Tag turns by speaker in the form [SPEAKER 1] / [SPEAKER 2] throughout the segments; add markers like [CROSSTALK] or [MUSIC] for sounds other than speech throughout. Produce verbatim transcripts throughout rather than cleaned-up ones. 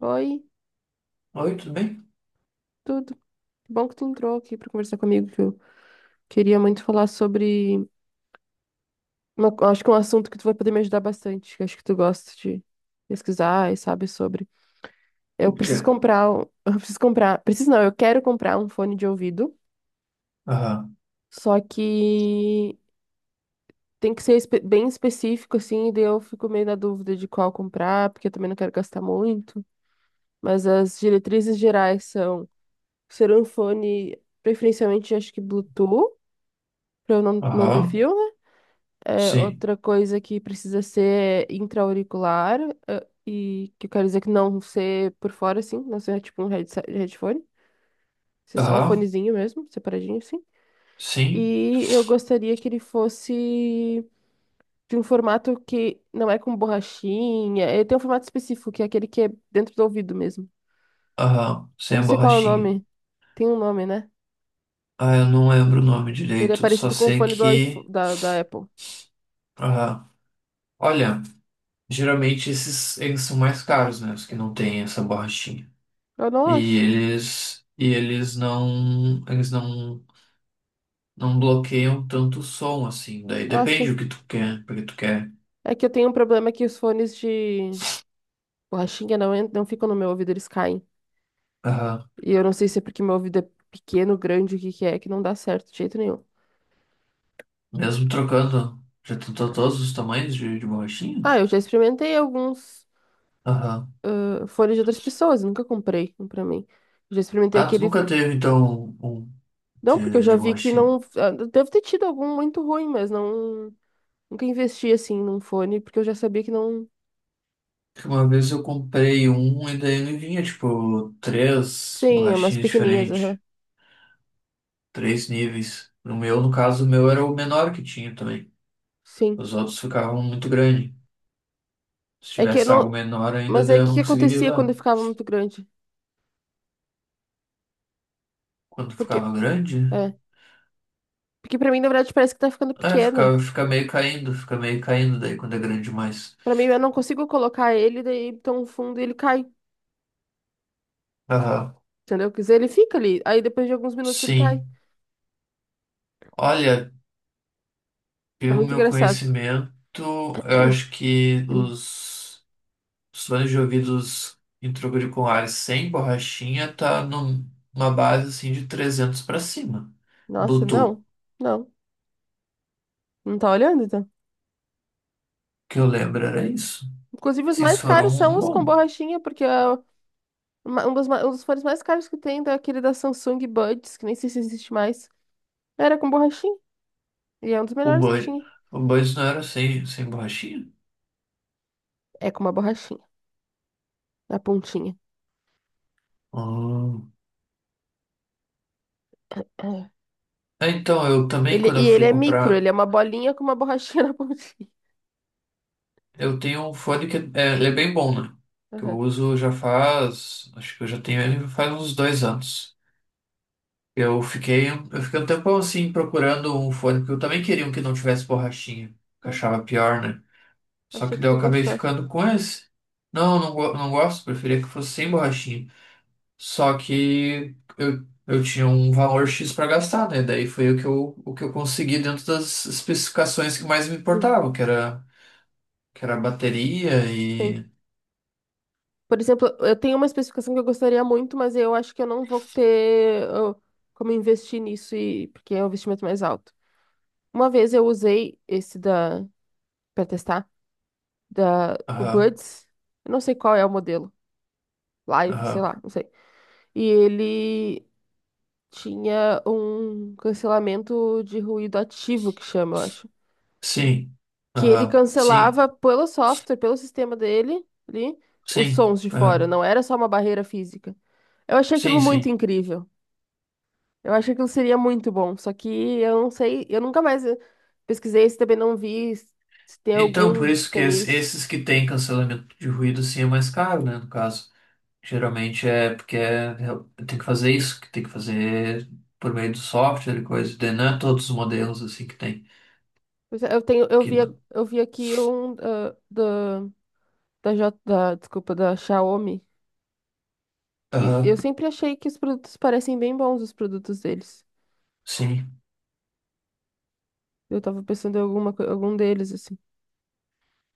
[SPEAKER 1] Oi,
[SPEAKER 2] Oi, tudo bem?
[SPEAKER 1] tudo. Que bom que tu entrou aqui para conversar comigo, que eu queria muito falar sobre uma- acho que é um assunto que tu vai poder me ajudar bastante, que acho que tu gosta de pesquisar e sabe sobre.
[SPEAKER 2] O
[SPEAKER 1] Eu
[SPEAKER 2] quê?
[SPEAKER 1] preciso comprar um- [LAUGHS] Eu preciso comprar. Preciso não, eu quero comprar um fone de ouvido,
[SPEAKER 2] Aham,
[SPEAKER 1] só que tem que ser espe- bem específico, assim, e daí eu fico meio na dúvida de qual comprar, porque eu também não quero gastar muito. Mas as diretrizes gerais são ser um fone, preferencialmente, acho que Bluetooth, para eu não, não ter
[SPEAKER 2] aham,
[SPEAKER 1] fio. É,
[SPEAKER 2] sim,
[SPEAKER 1] outra coisa que precisa ser intra-auricular, eh, e que eu quero dizer que não ser por fora, assim, não ser tipo um headse- headphone, ser só o
[SPEAKER 2] aham,
[SPEAKER 1] fonezinho mesmo, separadinho, assim.
[SPEAKER 2] sim,
[SPEAKER 1] E eu gostaria que ele fosse de um formato que não é com borrachinha, ele tem um formato específico, que é aquele que é dentro do ouvido mesmo.
[SPEAKER 2] aham,
[SPEAKER 1] Eu
[SPEAKER 2] sem
[SPEAKER 1] não
[SPEAKER 2] a
[SPEAKER 1] sei qual é o
[SPEAKER 2] borrachinha.
[SPEAKER 1] nome, tem um nome, né?
[SPEAKER 2] Ah, eu não lembro o nome
[SPEAKER 1] Que ele é
[SPEAKER 2] direito, só
[SPEAKER 1] parecido com o
[SPEAKER 2] sei
[SPEAKER 1] fone do iPhone,
[SPEAKER 2] que.
[SPEAKER 1] da, da Apple.
[SPEAKER 2] Aham. Olha, geralmente esses eles são mais caros, né? Os que não têm essa borrachinha.
[SPEAKER 1] Eu não
[SPEAKER 2] E
[SPEAKER 1] acho.
[SPEAKER 2] eles. E eles não. Eles não. Não bloqueiam tanto o som assim. Daí
[SPEAKER 1] Ah,
[SPEAKER 2] depende
[SPEAKER 1] sim.
[SPEAKER 2] o que tu quer, porque tu quer.
[SPEAKER 1] É que eu tenho um problema que os fones de borrachinha não, en- não ficam no meu ouvido, eles caem.
[SPEAKER 2] Aham.
[SPEAKER 1] E eu não sei se é porque meu ouvido é pequeno, grande, o que que é, que não dá certo de jeito nenhum.
[SPEAKER 2] Mesmo trocando. Já tentou todos os tamanhos de, de borrachinha?
[SPEAKER 1] Ah, eu já experimentei alguns
[SPEAKER 2] Aham.
[SPEAKER 1] ah, fones de outras pessoas, nunca comprei um pra mim. Eu já experimentei
[SPEAKER 2] Ah, tu
[SPEAKER 1] aquele.
[SPEAKER 2] nunca teve, então, um
[SPEAKER 1] Não, porque eu
[SPEAKER 2] de, de
[SPEAKER 1] já vi que
[SPEAKER 2] borrachinha?
[SPEAKER 1] não. ah, Deve ter tido algum muito ruim, mas não. Nunca investi assim num fone, porque eu já sabia que não.
[SPEAKER 2] Porque uma vez eu comprei um e daí me vinha, tipo, três
[SPEAKER 1] Sim, é umas
[SPEAKER 2] borrachinhas
[SPEAKER 1] pequenininhas,
[SPEAKER 2] diferentes,
[SPEAKER 1] aham.
[SPEAKER 2] três níveis. No meu, no caso, o meu era o menor que tinha também.
[SPEAKER 1] Sim.
[SPEAKER 2] Os outros ficavam muito grande. Se
[SPEAKER 1] É que eu
[SPEAKER 2] tivesse algo
[SPEAKER 1] não.
[SPEAKER 2] menor ainda,
[SPEAKER 1] Mas
[SPEAKER 2] daí
[SPEAKER 1] aí o
[SPEAKER 2] eu
[SPEAKER 1] que
[SPEAKER 2] não
[SPEAKER 1] que
[SPEAKER 2] conseguiria
[SPEAKER 1] acontecia quando
[SPEAKER 2] usar.
[SPEAKER 1] eu ficava muito grande?
[SPEAKER 2] Quando
[SPEAKER 1] Porque.
[SPEAKER 2] ficava grande,
[SPEAKER 1] É. Porque pra mim, na verdade, parece que tá ficando
[SPEAKER 2] é,
[SPEAKER 1] pequeno.
[SPEAKER 2] ficava, fica meio caindo, fica meio caindo daí quando é grande demais.
[SPEAKER 1] Pra mim, eu não consigo colocar ele, daí tão fundo e ele cai.
[SPEAKER 2] Aham,
[SPEAKER 1] Entendeu? Quer dizer, ele fica ali. Aí depois de alguns minutos ele cai.
[SPEAKER 2] sim. Olha,
[SPEAKER 1] É
[SPEAKER 2] pelo
[SPEAKER 1] muito
[SPEAKER 2] meu
[SPEAKER 1] engraçado. [CLEARS THROAT]
[SPEAKER 2] conhecimento, eu acho que
[SPEAKER 1] Hum.
[SPEAKER 2] os Os fones de ouvidos em troca sem borrachinha tá num- numa base assim de trezentos para cima.
[SPEAKER 1] Nossa,
[SPEAKER 2] Bluetooth,
[SPEAKER 1] não. Não. Não tá olhando, então.
[SPEAKER 2] que eu lembro era isso.
[SPEAKER 1] Inclusive, os
[SPEAKER 2] Sim, se
[SPEAKER 1] mais
[SPEAKER 2] for um,
[SPEAKER 1] caros são
[SPEAKER 2] um
[SPEAKER 1] os com
[SPEAKER 2] bom.
[SPEAKER 1] borrachinha, porque é uma- um dos, ma- um dos fones mais caros que tem é aquele da Samsung Buds, que nem sei se existe mais. Era com borrachinha. E é um dos
[SPEAKER 2] O
[SPEAKER 1] melhores que
[SPEAKER 2] Bud,
[SPEAKER 1] tinha.
[SPEAKER 2] o Buds não era sem, sem borrachinha?
[SPEAKER 1] É com uma borrachinha. Na pontinha.
[SPEAKER 2] Ah.
[SPEAKER 1] É.
[SPEAKER 2] É, então, eu também,
[SPEAKER 1] Ele,
[SPEAKER 2] quando eu
[SPEAKER 1] e ele
[SPEAKER 2] fui
[SPEAKER 1] é micro,
[SPEAKER 2] comprar,
[SPEAKER 1] ele é uma bolinha com uma borrachinha [LAUGHS] na pontinha.
[SPEAKER 2] eu tenho um fone que é, ele é bem bom, né? Que eu
[SPEAKER 1] Aham.
[SPEAKER 2] uso já faz, acho que eu já tenho ele faz uns dois anos. Eu fiquei, eu fiquei um tempão assim procurando um fone, porque eu também queria um que não tivesse borrachinha, que eu
[SPEAKER 1] Ah,
[SPEAKER 2] achava pior, né? Só
[SPEAKER 1] achei
[SPEAKER 2] que
[SPEAKER 1] que
[SPEAKER 2] daí eu
[SPEAKER 1] tu
[SPEAKER 2] acabei
[SPEAKER 1] gostava.
[SPEAKER 2] ficando com esse. Não, não, go- não gosto, preferia que fosse sem borrachinha. Só que eu, eu tinha um valor X para gastar, né? Daí foi o que eu, o que eu consegui dentro das especificações que mais me
[SPEAKER 1] Hum.
[SPEAKER 2] importavam, que era, que era a bateria
[SPEAKER 1] Sim.
[SPEAKER 2] e.
[SPEAKER 1] Por exemplo, eu tenho uma especificação que eu gostaria muito, mas eu acho que eu não vou ter eu, como investir nisso, e, porque é um investimento mais alto. Uma vez eu usei esse da, para testar, da, o
[SPEAKER 2] Aham,
[SPEAKER 1] Buds, eu não sei qual é o modelo, Live, sei
[SPEAKER 2] aham,
[SPEAKER 1] lá, não sei. E ele tinha um cancelamento de ruído ativo, que chama, eu acho.
[SPEAKER 2] sim,
[SPEAKER 1] Que ele
[SPEAKER 2] aham, sim,
[SPEAKER 1] cancelava pelo software, pelo sistema dele, ali, os
[SPEAKER 2] sim,
[SPEAKER 1] sons de fora,
[SPEAKER 2] aham,
[SPEAKER 1] não era só uma barreira física. Eu achei aquilo
[SPEAKER 2] sim,
[SPEAKER 1] muito
[SPEAKER 2] sim.
[SPEAKER 1] incrível. Eu acho que aquilo seria muito bom, só que eu não sei, eu nunca mais eh, pesquisei isso, também não vi se se tem
[SPEAKER 2] Então, por
[SPEAKER 1] algum que
[SPEAKER 2] isso que
[SPEAKER 1] tem
[SPEAKER 2] es-
[SPEAKER 1] isso.
[SPEAKER 2] esses que têm cancelamento de ruído, sim, é mais caro, né? No caso, geralmente é porque é, é- tem que fazer isso, que tem que fazer por meio do software e coisa. Daí não é todos os modelos assim que tem.
[SPEAKER 1] Pois é. Eu tenho, eu vi,
[SPEAKER 2] Que,
[SPEAKER 1] eu vi aqui um ah, da da, J, da, desculpa, da Xiaomi, que eu
[SPEAKER 2] aham,
[SPEAKER 1] sempre achei que os produtos parecem bem bons, os produtos deles.
[SPEAKER 2] sim,
[SPEAKER 1] Eu tava pensando em alguma, co- algum deles, assim,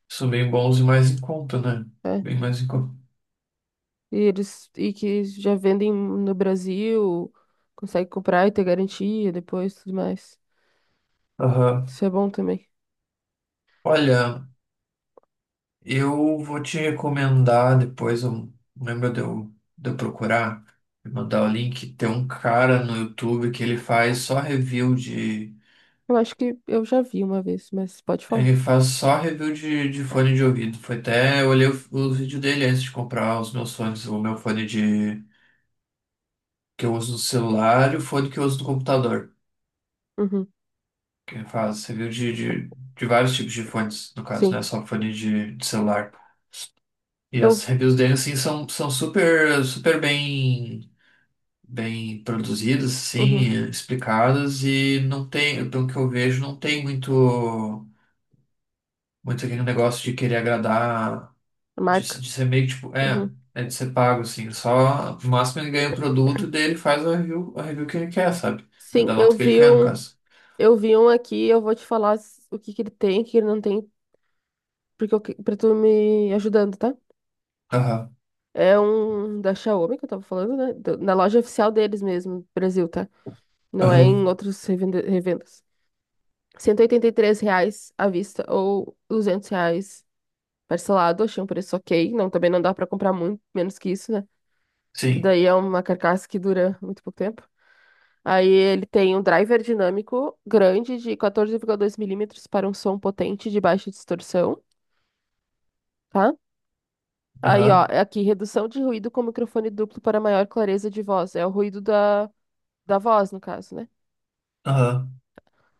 [SPEAKER 2] são bem bons e mais em conta, né?
[SPEAKER 1] né?
[SPEAKER 2] Bem mais em conta.
[SPEAKER 1] E eles, e que já vendem no Brasil, consegue comprar e ter garantia depois, tudo mais.
[SPEAKER 2] Aham.
[SPEAKER 1] Isso é bom também.
[SPEAKER 2] Olha, eu vou te recomendar depois, eu, lembra de eu, de eu procurar, e mandar o link. Tem um cara no YouTube que ele faz só review de.
[SPEAKER 1] Eu acho que eu já vi uma vez, mas pode falar.
[SPEAKER 2] Ele faz só review de, de fone de ouvido. Foi até, eu olhei o, o vídeo dele antes de comprar os meus fones, o meu fone de que eu uso no celular e o fone que eu uso no computador.
[SPEAKER 1] Uhum.
[SPEAKER 2] Que ele faz review de, de, de vários tipos de fones, no caso, não
[SPEAKER 1] Sim.
[SPEAKER 2] é só fone de, de celular. E
[SPEAKER 1] Eu.
[SPEAKER 2] as
[SPEAKER 1] v-
[SPEAKER 2] reviews dele, assim, são, são super, super bem, bem produzidas,
[SPEAKER 1] Uhum.
[SPEAKER 2] assim, explicadas e não tem, pelo que eu vejo, não tem muito, muito aquele negócio de querer agradar. De,
[SPEAKER 1] Marca.
[SPEAKER 2] de ser meio que, tipo, é,
[SPEAKER 1] Uhum.
[SPEAKER 2] é de ser pago, assim. é Só, no máximo ele ganha o produto e daí ele faz a review, a review que ele quer, sabe? Ele
[SPEAKER 1] Sim,
[SPEAKER 2] dá a
[SPEAKER 1] eu
[SPEAKER 2] nota que ele
[SPEAKER 1] vi
[SPEAKER 2] quer, no
[SPEAKER 1] um.
[SPEAKER 2] caso.
[SPEAKER 1] Eu vi um aqui, eu vou te falar s- o que que ele tem, o que ele não tem, porque eu, que- pra tu me ajudando, tá?
[SPEAKER 2] Aham,
[SPEAKER 1] É um da Xiaomi que eu tava falando, né? Do- na loja oficial deles mesmo, no Brasil, tá? Não é
[SPEAKER 2] aham,
[SPEAKER 1] em outros revende- revendas. R$ cento e oitenta e três reais à vista ou R$ 200 reais parcelado. Achei um preço ok. Não, também não dá pra comprar muito, menos que isso, né? Que
[SPEAKER 2] sim,
[SPEAKER 1] daí é uma carcaça que dura muito pouco tempo. Aí ele tem um driver dinâmico grande de quatorze vírgula dois milímetros para um som potente de baixa distorção, tá? Aí, ó,
[SPEAKER 2] aham,
[SPEAKER 1] é aqui, redução de ruído com microfone duplo para maior clareza de voz. É o ruído da, da voz, no caso, né?
[SPEAKER 2] aham.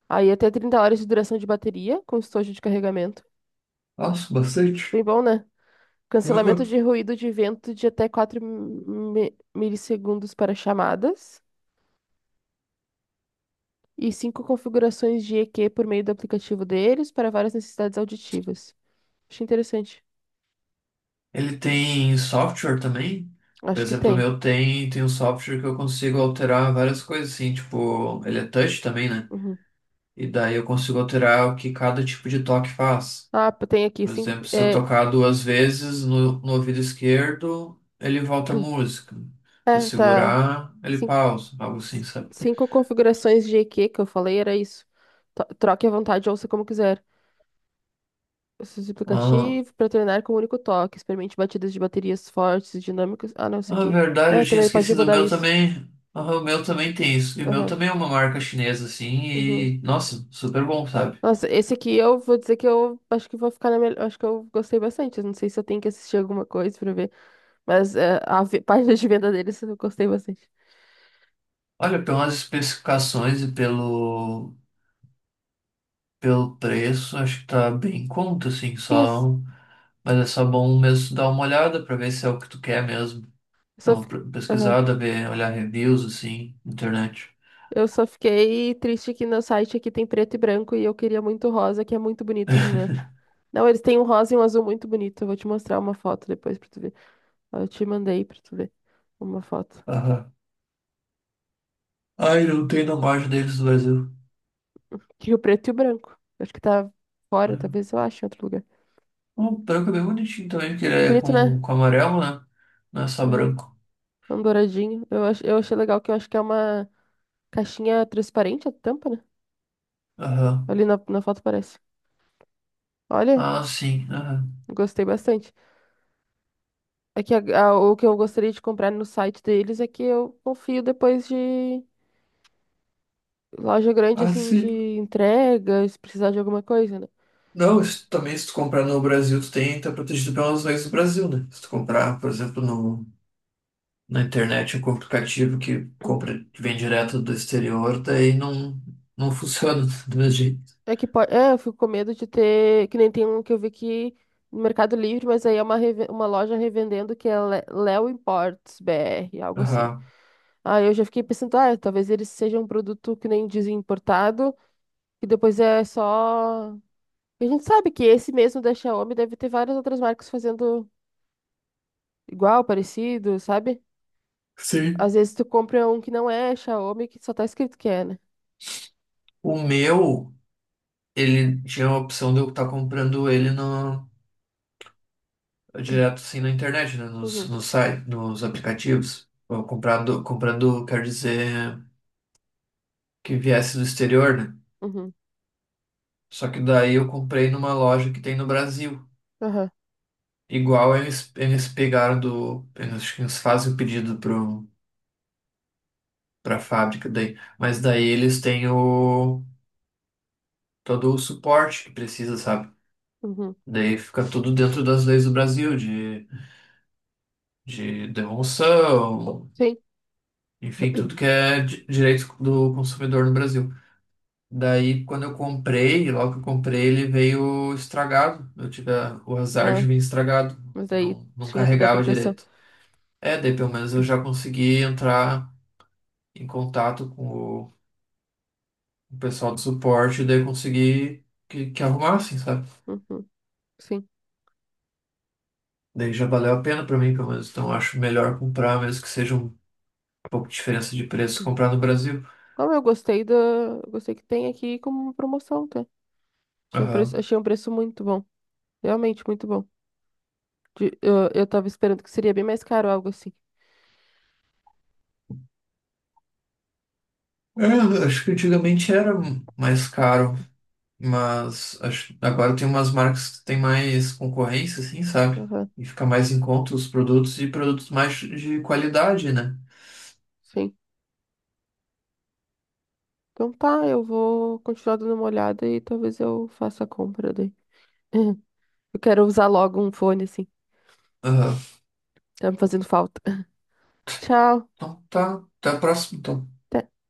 [SPEAKER 1] Aí até trinta horas de duração de bateria com estojo de carregamento.
[SPEAKER 2] Nossa,
[SPEAKER 1] Bem
[SPEAKER 2] bastante.
[SPEAKER 1] bom, né? Cancelamento
[SPEAKER 2] Aham.
[SPEAKER 1] de ruído de vento de até quatro mi- milissegundos para chamadas. E cinco configurações de E Q por meio do aplicativo deles para várias necessidades auditivas. Achei interessante.
[SPEAKER 2] Ele tem software também. Por
[SPEAKER 1] Acho que
[SPEAKER 2] exemplo, o
[SPEAKER 1] tem.
[SPEAKER 2] meu tem, tem um software que eu consigo alterar várias coisas, assim, tipo, ele é touch também, né?
[SPEAKER 1] Uhum.
[SPEAKER 2] E daí eu consigo alterar o que cada tipo de toque faz.
[SPEAKER 1] Ah, pô, tem aqui
[SPEAKER 2] Por
[SPEAKER 1] cinco.
[SPEAKER 2] exemplo, se eu
[SPEAKER 1] É,
[SPEAKER 2] tocar duas vezes no, no ouvido esquerdo, ele volta a
[SPEAKER 1] [CLEARS THROAT]
[SPEAKER 2] música. Se eu
[SPEAKER 1] é, tá.
[SPEAKER 2] segurar, ele
[SPEAKER 1] Cin-
[SPEAKER 2] pausa, algo
[SPEAKER 1] c-
[SPEAKER 2] assim, sabe?
[SPEAKER 1] Cinco configurações de E Q que eu falei, era isso. To- Troque à vontade, ouça como quiser. Esse
[SPEAKER 2] Ah,
[SPEAKER 1] aplicativo para treinar com um único toque. Experimente batidas de baterias fortes, dinâmicas. Ah, não, isso
[SPEAKER 2] ah,
[SPEAKER 1] aqui.
[SPEAKER 2] verdade,
[SPEAKER 1] É,
[SPEAKER 2] eu tinha
[SPEAKER 1] também pode
[SPEAKER 2] esquecido o
[SPEAKER 1] mudar
[SPEAKER 2] meu
[SPEAKER 1] isso.
[SPEAKER 2] também. Ah, o meu também tem isso. E o meu
[SPEAKER 1] Aham.
[SPEAKER 2] também é uma marca chinesa, assim,
[SPEAKER 1] Uhum.
[SPEAKER 2] e nossa, super bom, sabe?
[SPEAKER 1] Nossa, esse aqui eu vou dizer que eu acho que vou ficar na melhor. Acho que eu gostei bastante. Eu não sei se eu tenho que assistir alguma coisa pra ver, mas é, a ve- [LAUGHS] página de venda deles eu gostei bastante.
[SPEAKER 2] Olha, pelas especificações e pelo, pelo preço, acho que tá bem em conta, assim,
[SPEAKER 1] Sim, eu,
[SPEAKER 2] só.
[SPEAKER 1] s-
[SPEAKER 2] Mas é só bom mesmo dar uma olhada pra ver se é o que tu quer mesmo.
[SPEAKER 1] eu
[SPEAKER 2] Dá
[SPEAKER 1] só
[SPEAKER 2] uma
[SPEAKER 1] fiquei...
[SPEAKER 2] pr-
[SPEAKER 1] Aham.
[SPEAKER 2] pesquisada, ver, olhar reviews, assim, na internet.
[SPEAKER 1] Eu só fiquei triste que no site aqui tem preto e branco e eu queria muito rosa, que é muito bonito, né? Não, eles têm um rosa e um azul muito bonito. Eu vou te mostrar uma foto depois pra tu ver. Ó, eu te mandei pra tu ver uma foto.
[SPEAKER 2] Aham. Ai, não tem na loja deles do Brasil.
[SPEAKER 1] Tinha o preto e o branco. Acho que tá fora,
[SPEAKER 2] Uhum.
[SPEAKER 1] talvez eu ache em outro lugar.
[SPEAKER 2] O branco é bem bonitinho também, porque ele é
[SPEAKER 1] Bonito, né?
[SPEAKER 2] com, com amarelo, né? Não é só
[SPEAKER 1] Aham.
[SPEAKER 2] branco.
[SPEAKER 1] É um douradinho. Eu, ach- eu achei legal que eu acho que é uma caixinha transparente a tampa, né?
[SPEAKER 2] Aham.
[SPEAKER 1] Ali na, na foto parece. Olha,
[SPEAKER 2] Ah, sim. Aham.
[SPEAKER 1] gostei bastante. É que a- a- o que eu gostaria de comprar no site deles é que eu confio depois de loja grande,
[SPEAKER 2] Ah,
[SPEAKER 1] assim, de
[SPEAKER 2] sim.
[SPEAKER 1] entrega, se precisar de alguma coisa, né?
[SPEAKER 2] Não, isso também se tu comprar no Brasil, tu tem, tá protegido pelas leis do Brasil, né? Se tu
[SPEAKER 1] Sim.
[SPEAKER 2] comprar, por exemplo, no, na internet, um aplicativo que compra, que vem direto do exterior, daí não, não funciona [LAUGHS] do mesmo jeito.
[SPEAKER 1] É que pode, é, eu fico com medo de ter, que nem tem um que eu vi que no Mercado Livre, mas aí é uma, reve- uma loja revendendo que é Le- Léo Imports B R, algo assim.
[SPEAKER 2] Aham.
[SPEAKER 1] Aí eu já fiquei pensando, ah, talvez eles sejam um produto que nem dizem importado, que depois é só. E a gente sabe que esse mesmo da Xiaomi deve ter várias outras marcas fazendo igual, parecido, sabe? Às
[SPEAKER 2] Sim.
[SPEAKER 1] vezes tu compra um que não é Xiaomi, que só tá escrito que é, né?
[SPEAKER 2] O meu, ele tinha a opção de eu estar comprando ele no, direto assim na internet, né? Nos,
[SPEAKER 1] Uhum,
[SPEAKER 2] nos sites, nos aplicativos. Eu comprado, comprando, quer dizer, que viesse do exterior, né?
[SPEAKER 1] uhum,
[SPEAKER 2] Só que daí eu comprei numa loja que tem no Brasil.
[SPEAKER 1] aham,
[SPEAKER 2] Igual eles, eles pegaram do. Eles, acho que eles fazem o pedido pro, pra fábrica daí. Mas daí eles têm o, todo o suporte que precisa, sabe?
[SPEAKER 1] uhum,
[SPEAKER 2] Daí fica tudo dentro das leis do Brasil, de, de devolução,
[SPEAKER 1] sim.
[SPEAKER 2] enfim, tudo que
[SPEAKER 1] [CLEARS THROAT]
[SPEAKER 2] é di- direito do consumidor no Brasil. Daí, quando eu comprei, logo que eu comprei, ele veio estragado. Eu tive a- o azar
[SPEAKER 1] Ah.
[SPEAKER 2] de vir estragado.
[SPEAKER 1] Mas
[SPEAKER 2] Eu
[SPEAKER 1] aí
[SPEAKER 2] não, não
[SPEAKER 1] tinha toda a
[SPEAKER 2] carregava
[SPEAKER 1] proteção.
[SPEAKER 2] direito. É, daí pelo menos eu já consegui entrar em contato com o, o pessoal do suporte, daí eu consegui que, que arrumassem, sabe?
[SPEAKER 1] Uhum, sim.
[SPEAKER 2] Daí já valeu a pena pra mim, pelo menos. Então eu acho melhor comprar, mesmo que seja um pouco de diferença de preço, comprar no Brasil.
[SPEAKER 1] Como eu gostei da. Eu gostei que tem aqui como promoção, tá? Tinha um preço,
[SPEAKER 2] Aham.
[SPEAKER 1] achei um preço muito bom. Realmente muito bom. De- eu, eu tava esperando que seria bem mais caro, algo assim.
[SPEAKER 2] É, eu acho que antigamente era mais caro. Mas acho, agora tem umas marcas que tem mais concorrência, assim, sabe?
[SPEAKER 1] Aham,
[SPEAKER 2] E fica mais em conta os produtos e produtos mais de qualidade, né?
[SPEAKER 1] sim. Então tá, eu vou continuar dando uma olhada e talvez eu faça a compra daí. [LAUGHS] Eu quero usar logo um fone, assim.
[SPEAKER 2] Aham.
[SPEAKER 1] Tá me fazendo falta. [LAUGHS] Tchau.
[SPEAKER 2] Então tá, tá próximo.
[SPEAKER 1] Até.